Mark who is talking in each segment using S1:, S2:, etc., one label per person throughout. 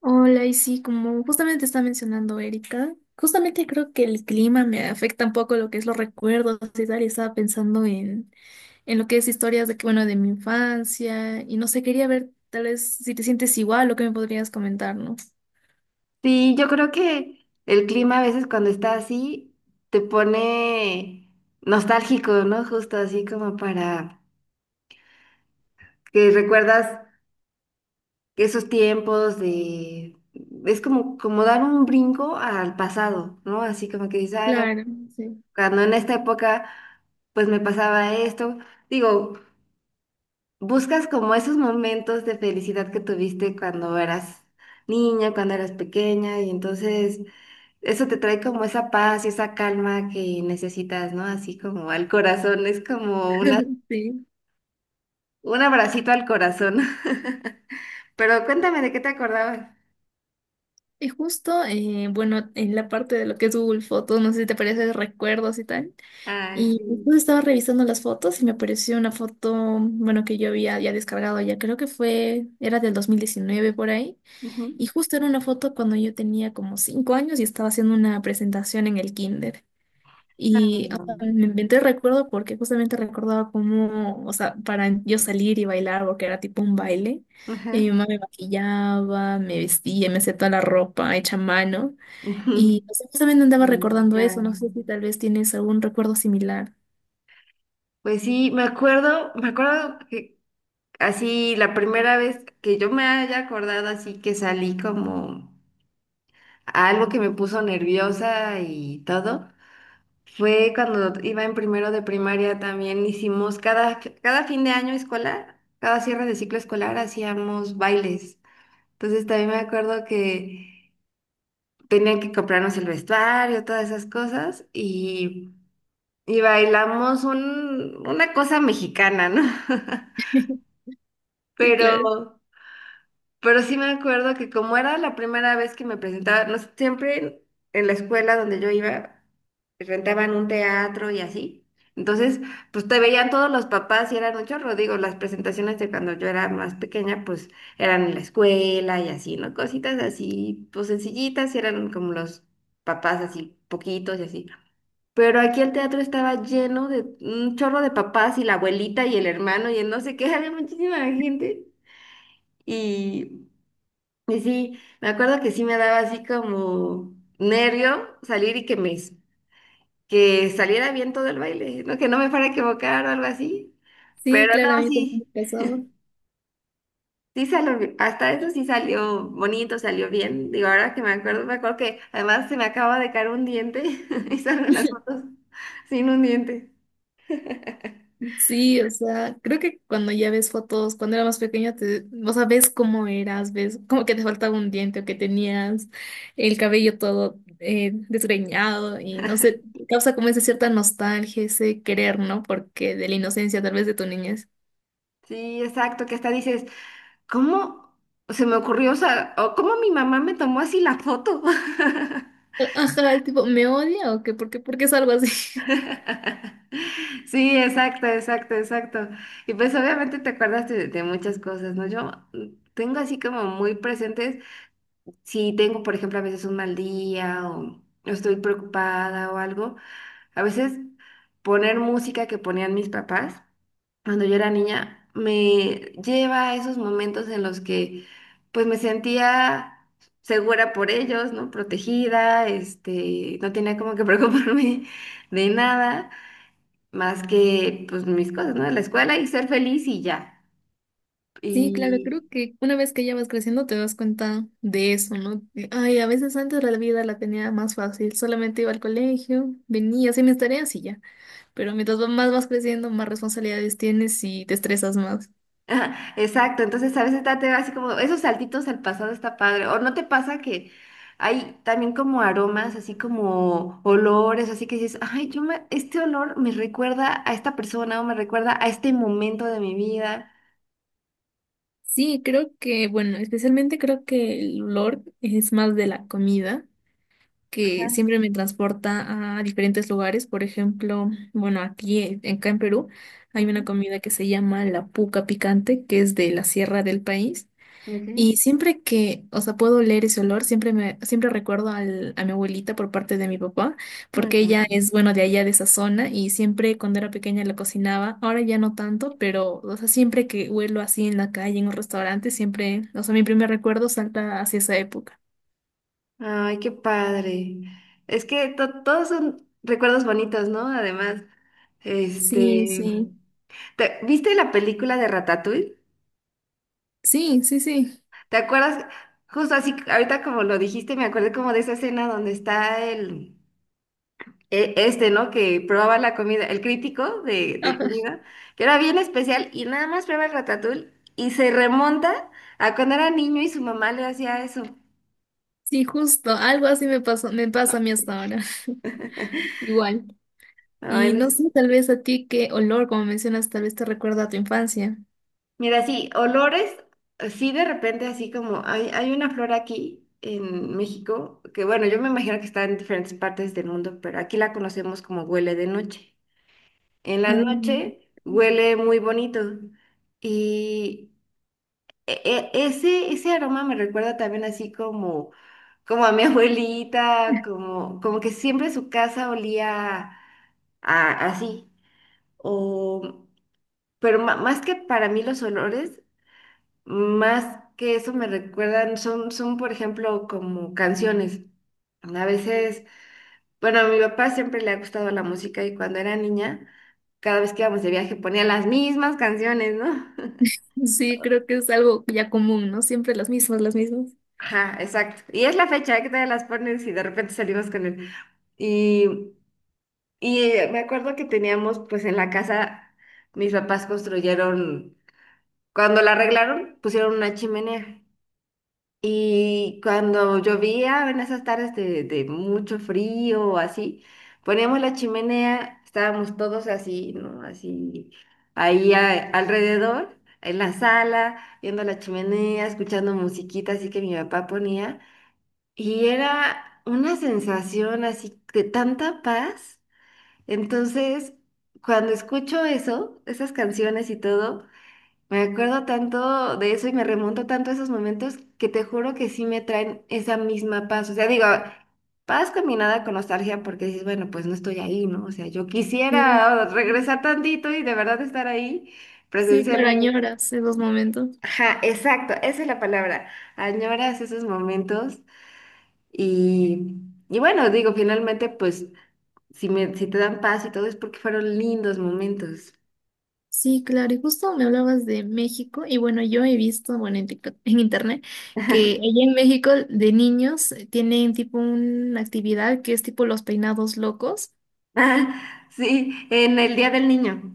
S1: Hola, y sí, como justamente está mencionando Erika, justamente creo que el clima me afecta un poco lo que es los recuerdos y tal, y estaba pensando en lo que es historias de, que, bueno, de mi infancia, y no sé, quería ver tal vez si te sientes igual o qué me podrías comentar, ¿no?
S2: Sí, yo creo que el clima a veces cuando está así te pone nostálgico, ¿no? Justo así como para que recuerdas que esos tiempos de... Es como, como dar un brinco al pasado, ¿no? Así como que dices, "Ay,
S1: Claro, sí.
S2: cuando en esta época pues me pasaba esto." Digo, buscas como esos momentos de felicidad que tuviste cuando eras niña, cuando eras pequeña y entonces... Eso te trae como esa paz y esa calma que necesitas, ¿no? Así como al corazón, es como una,
S1: Sí.
S2: un abracito al corazón. Pero cuéntame de qué te acordabas.
S1: Y justo, bueno, en la parte de lo que es Google Fotos, no sé si te parece recuerdos y tal.
S2: Ah,
S1: Y
S2: sí.
S1: después estaba revisando las fotos y me apareció una foto, bueno, que yo había ya descargado ya, creo que fue, era del 2019 por ahí,
S2: Ujú.
S1: y justo era una foto cuando yo tenía como 5 años y estaba haciendo una presentación en el kinder. Y o sea, me inventé el recuerdo porque justamente recordaba cómo, o sea, para yo salir y bailar, porque era tipo un baile, y mi
S2: Ajá.
S1: mamá me maquillaba, me vestía, me hacía toda la ropa hecha a mano,
S2: Ujú.
S1: y o sea, justamente andaba
S2: Mm,
S1: recordando
S2: claro.
S1: eso, no sé si tal vez tienes algún recuerdo similar.
S2: Pues sí, me acuerdo que así la primera vez que yo me haya acordado así que salí como a algo que me puso nerviosa y todo. Fue cuando iba en primero de primaria, también hicimos cada fin de año escolar, cada cierre de ciclo escolar hacíamos bailes. Entonces también me acuerdo que tenían que comprarnos el vestuario, todas esas cosas, y bailamos una cosa mexicana, ¿no?
S1: Sí,
S2: Pero
S1: claro.
S2: Pero sí me acuerdo que como era la primera vez que me presentaba, no sé, siempre en la escuela donde yo iba, rentaban un teatro y así. Entonces, pues te veían todos los papás y eran un chorro. Digo, las presentaciones de cuando yo era más pequeña, pues eran en la escuela y así, ¿no? Cositas así, pues sencillitas, y eran como los papás así, poquitos y así. Pero aquí el teatro estaba lleno de un chorro de papás y la abuelita y el hermano y el no sé qué, había muchísima gente. Y y sí, me acuerdo que sí me daba así como nervio salir y que me que saliera bien todo el baile, ¿no? Que no me fuera a equivocar o algo así.
S1: Sí,
S2: Pero
S1: claro, a
S2: no,
S1: mí también
S2: sí,
S1: me pasaba.
S2: sí salió, hasta eso sí salió bonito, salió bien. Digo, ahora que me acuerdo que además se me acaba de caer un diente y salgo en las fotos sin un diente.
S1: Sí, o sea, creo que cuando ya ves fotos, cuando era más pequeña, te, o sea, ves cómo eras, ves como que te faltaba un diente o que tenías el cabello todo desgreñado y no sé, causa como esa cierta nostalgia, ese querer, ¿no? Porque de la inocencia tal vez de tu niñez.
S2: Sí, exacto, que hasta dices, ¿cómo se me ocurrió? O sea, o ¿cómo mi mamá me tomó así la foto?
S1: Ajá, el tipo, ¿me odia o qué? ¿Por qué? ¿Por qué es algo así?
S2: Sí, exacto, exacto, exacto. Y pues obviamente te acuerdas de muchas cosas, ¿no? Yo tengo así como muy presentes, si tengo, por ejemplo, a veces un mal día o estoy preocupada o algo, a veces poner música que ponían mis papás cuando yo era niña me lleva a esos momentos en los que pues me sentía segura por ellos, ¿no? Protegida, este, no tenía como que preocuparme de nada más que pues mis cosas, ¿no? La escuela y ser feliz y ya.
S1: Sí, claro,
S2: Y
S1: creo que una vez que ya vas creciendo te das cuenta de eso, ¿no? De, ay, a veces antes la vida la tenía más fácil, solamente iba al colegio, venía, hacía mis tareas y ya. Pero mientras más vas creciendo, más responsabilidades tienes y te estresas más.
S2: ajá, exacto, entonces a veces date así como esos saltitos al pasado está padre. O no te pasa que hay también como aromas, así como olores, así que dices, ay, este olor me recuerda a esta persona o me recuerda a este momento de mi vida.
S1: Sí, creo que, bueno, especialmente creo que el olor es más de la comida, que
S2: Ajá,
S1: siempre me transporta a diferentes lugares. Por ejemplo, bueno, aquí, acá en Perú, hay una
S2: ujú,
S1: comida que se llama la puca picante, que es de la sierra del país. Y
S2: ujú.
S1: siempre que, o sea, puedo leer ese olor, siempre me, siempre recuerdo a mi abuelita por parte de mi papá, porque ella
S2: Ujú.
S1: es, bueno, de allá de esa zona y siempre cuando era pequeña la cocinaba, ahora ya no tanto, pero, o sea, siempre que huelo así en la calle, en un restaurante, siempre, o sea, mi primer recuerdo salta hacia esa época.
S2: Ay, qué padre. Es que todos son recuerdos bonitos, ¿no? Además,
S1: Sí,
S2: este.
S1: sí.
S2: ¿Te- ¿Viste la película de Ratatouille?
S1: Sí, sí, sí.
S2: ¿Te acuerdas? Justo así, ahorita como lo dijiste, me acordé como de esa escena donde está el, este, ¿no? Que probaba la comida, el crítico de
S1: Ajá.
S2: comida, que era bien especial y nada más prueba el Ratatouille y se remonta a cuando era niño y su mamá le hacía eso.
S1: Sí, justo, algo así me pasó, me pasa a mí hasta ahora. Igual.
S2: Ay,
S1: Y no
S2: los-
S1: sé, tal vez a ti qué olor, como mencionas, tal vez te recuerda a tu infancia.
S2: Mira, sí, olores, sí, de repente así como hay una flor aquí en México, que bueno, yo me imagino que está en diferentes partes del mundo, pero aquí la conocemos como huele de noche. En la
S1: Ah.
S2: noche huele muy bonito. Y ese aroma me recuerda también así como, como a mi abuelita, como, como que siempre su casa olía así. O, pero más que para mí los olores, más que eso me recuerdan, son, son por ejemplo como canciones. A veces bueno, a mi papá siempre le ha gustado la música y cuando era niña, cada vez que íbamos de viaje ponía las mismas canciones, ¿no?
S1: Sí, creo que es algo ya común, ¿no? Siempre las mismas, las mismas.
S2: Ajá, exacto. Y es la fecha ¿eh? Que todavía las pones y de repente salimos con él. Y, y me acuerdo que teníamos, pues en la casa, mis papás construyeron, cuando la arreglaron, pusieron una chimenea. Y cuando llovía, en esas tardes de mucho frío o así, poníamos la chimenea, estábamos todos así, ¿no? Así, ahí alrededor, en la sala, viendo la chimenea, escuchando musiquita así que mi papá ponía. Y era una sensación así de tanta paz. Entonces, cuando escucho eso, esas canciones y todo, me acuerdo tanto de eso y me remonto tanto a esos momentos que te juro que sí me traen esa misma paz. O sea, digo, paz combinada con nostalgia porque dices, bueno, pues no estoy ahí, ¿no? O sea, yo
S1: Sí,
S2: quisiera regresar tantito y de verdad estar ahí
S1: sí, claro,
S2: presencialmente.
S1: añoras esos momentos.
S2: Ajá, exacto, esa es la palabra. Añoras esos momentos y, y bueno, digo, finalmente, pues si te dan paz y todo es porque fueron lindos momentos.
S1: Sí, claro, y justo me hablabas de México, y bueno, yo he visto, bueno, en TikTok, en internet, que allá en México de niños tienen tipo una actividad que es tipo los peinados locos.
S2: Ah, sí, en el Día del Niño.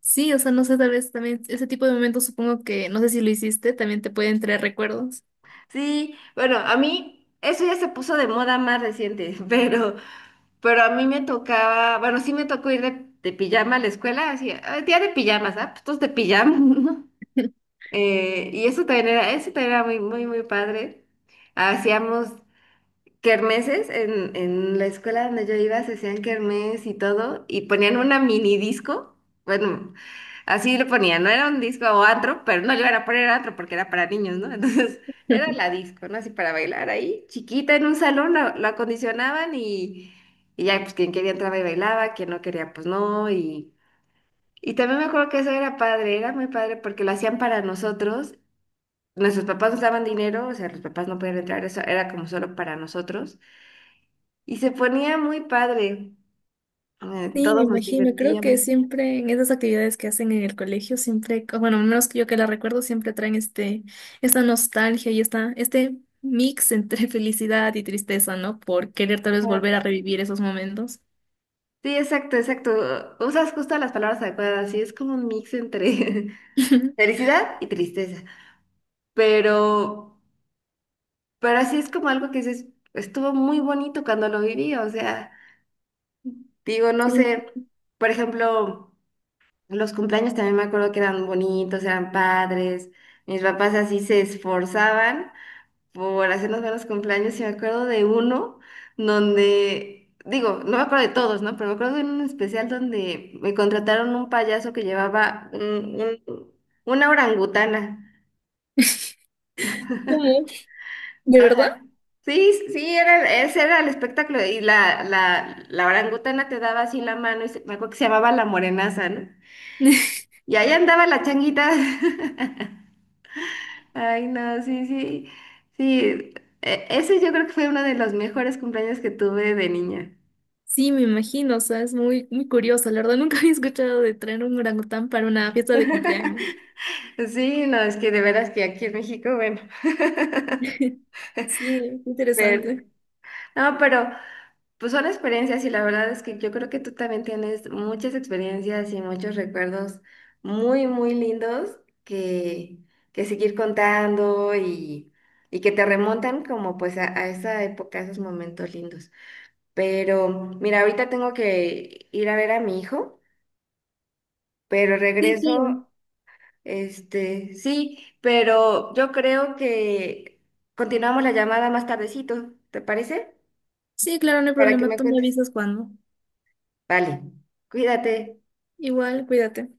S1: Sí, o sea, no sé, tal vez también ese tipo de momentos supongo que, no sé si lo hiciste, también te pueden traer recuerdos.
S2: Sí, bueno, a mí eso ya se puso de moda más reciente, pero a mí me tocaba, bueno, sí me tocó ir de pijama a la escuela, así, "Ah, día de pijamas, ¿ah? Pues todos de pijama," ¿no? Y eso también era muy, muy, muy padre. Hacíamos kermeses en la escuela donde yo iba se hacían kermes y todo y ponían una mini disco, bueno, así lo ponían, no era un disco o antro, pero no llegaron a poner antro porque era para niños, ¿no? Entonces era la disco, ¿no? Así para bailar ahí, chiquita en un salón, la acondicionaban, y ya pues quien quería entraba y bailaba, quien no quería pues no y... Y también me acuerdo que eso era padre, era muy padre porque lo hacían para nosotros. Nuestros papás nos daban dinero, o sea, los papás no podían entrar, eso era como solo para nosotros. Y se ponía muy padre. Eh,
S1: Sí, me
S2: todos nos
S1: imagino. Creo que
S2: divertíamos.
S1: siempre en esas actividades que hacen en el colegio, siempre, bueno, al menos que yo que la recuerdo, siempre traen este, esta nostalgia y esta, este mix entre felicidad y tristeza, ¿no? Por querer tal vez
S2: Ah.
S1: volver a revivir esos momentos.
S2: Sí, exacto, exacto. Usas justo las palabras adecuadas y es como un mix entre felicidad y tristeza. Pero, pero así es como algo que dices, estuvo muy bonito cuando lo viví. O sea, digo, no
S1: Sí,
S2: sé, por ejemplo, los cumpleaños también me acuerdo que eran bonitos, eran padres. Mis papás así se esforzaban por hacernos ver los cumpleaños y me acuerdo de uno donde, digo, no me acuerdo de todos, ¿no? Pero me acuerdo de uno en especial donde me contrataron un payaso que llevaba un- una orangutana.
S1: ¿cómo? ¿De verdad?
S2: Ajá. Sí, sí, sí, era, ese era el espectáculo y la orangutana te daba así la mano y se- me acuerdo que se llamaba la morenaza, ¿no? Y ahí andaba la changuita. Ay, no, sí, sí, sí. Ese yo creo que fue uno de los mejores cumpleaños que tuve de niña.
S1: Sí, me imagino. O sea, es muy, muy curioso. La verdad, nunca había escuchado de traer un orangután para una fiesta de cumpleaños.
S2: Sí, no, es que de veras que aquí en México, bueno.
S1: Sí,
S2: Pero,
S1: interesante.
S2: no, pero pues son experiencias y la verdad es que yo creo que tú también tienes muchas experiencias y muchos recuerdos muy, muy lindos que, que seguir contando y que te remontan como pues a esa época, a esos momentos lindos. Pero mira, ahorita tengo que ir a ver a mi hijo, pero
S1: Sí,
S2: regreso.
S1: claro.
S2: Este, sí, pero yo creo que continuamos la llamada más tardecito, ¿te parece?
S1: Sí, claro, no hay
S2: Para que
S1: problema.
S2: me
S1: Tú me
S2: cuentes.
S1: avisas cuando.
S2: Vale, cuídate.
S1: Igual, cuídate.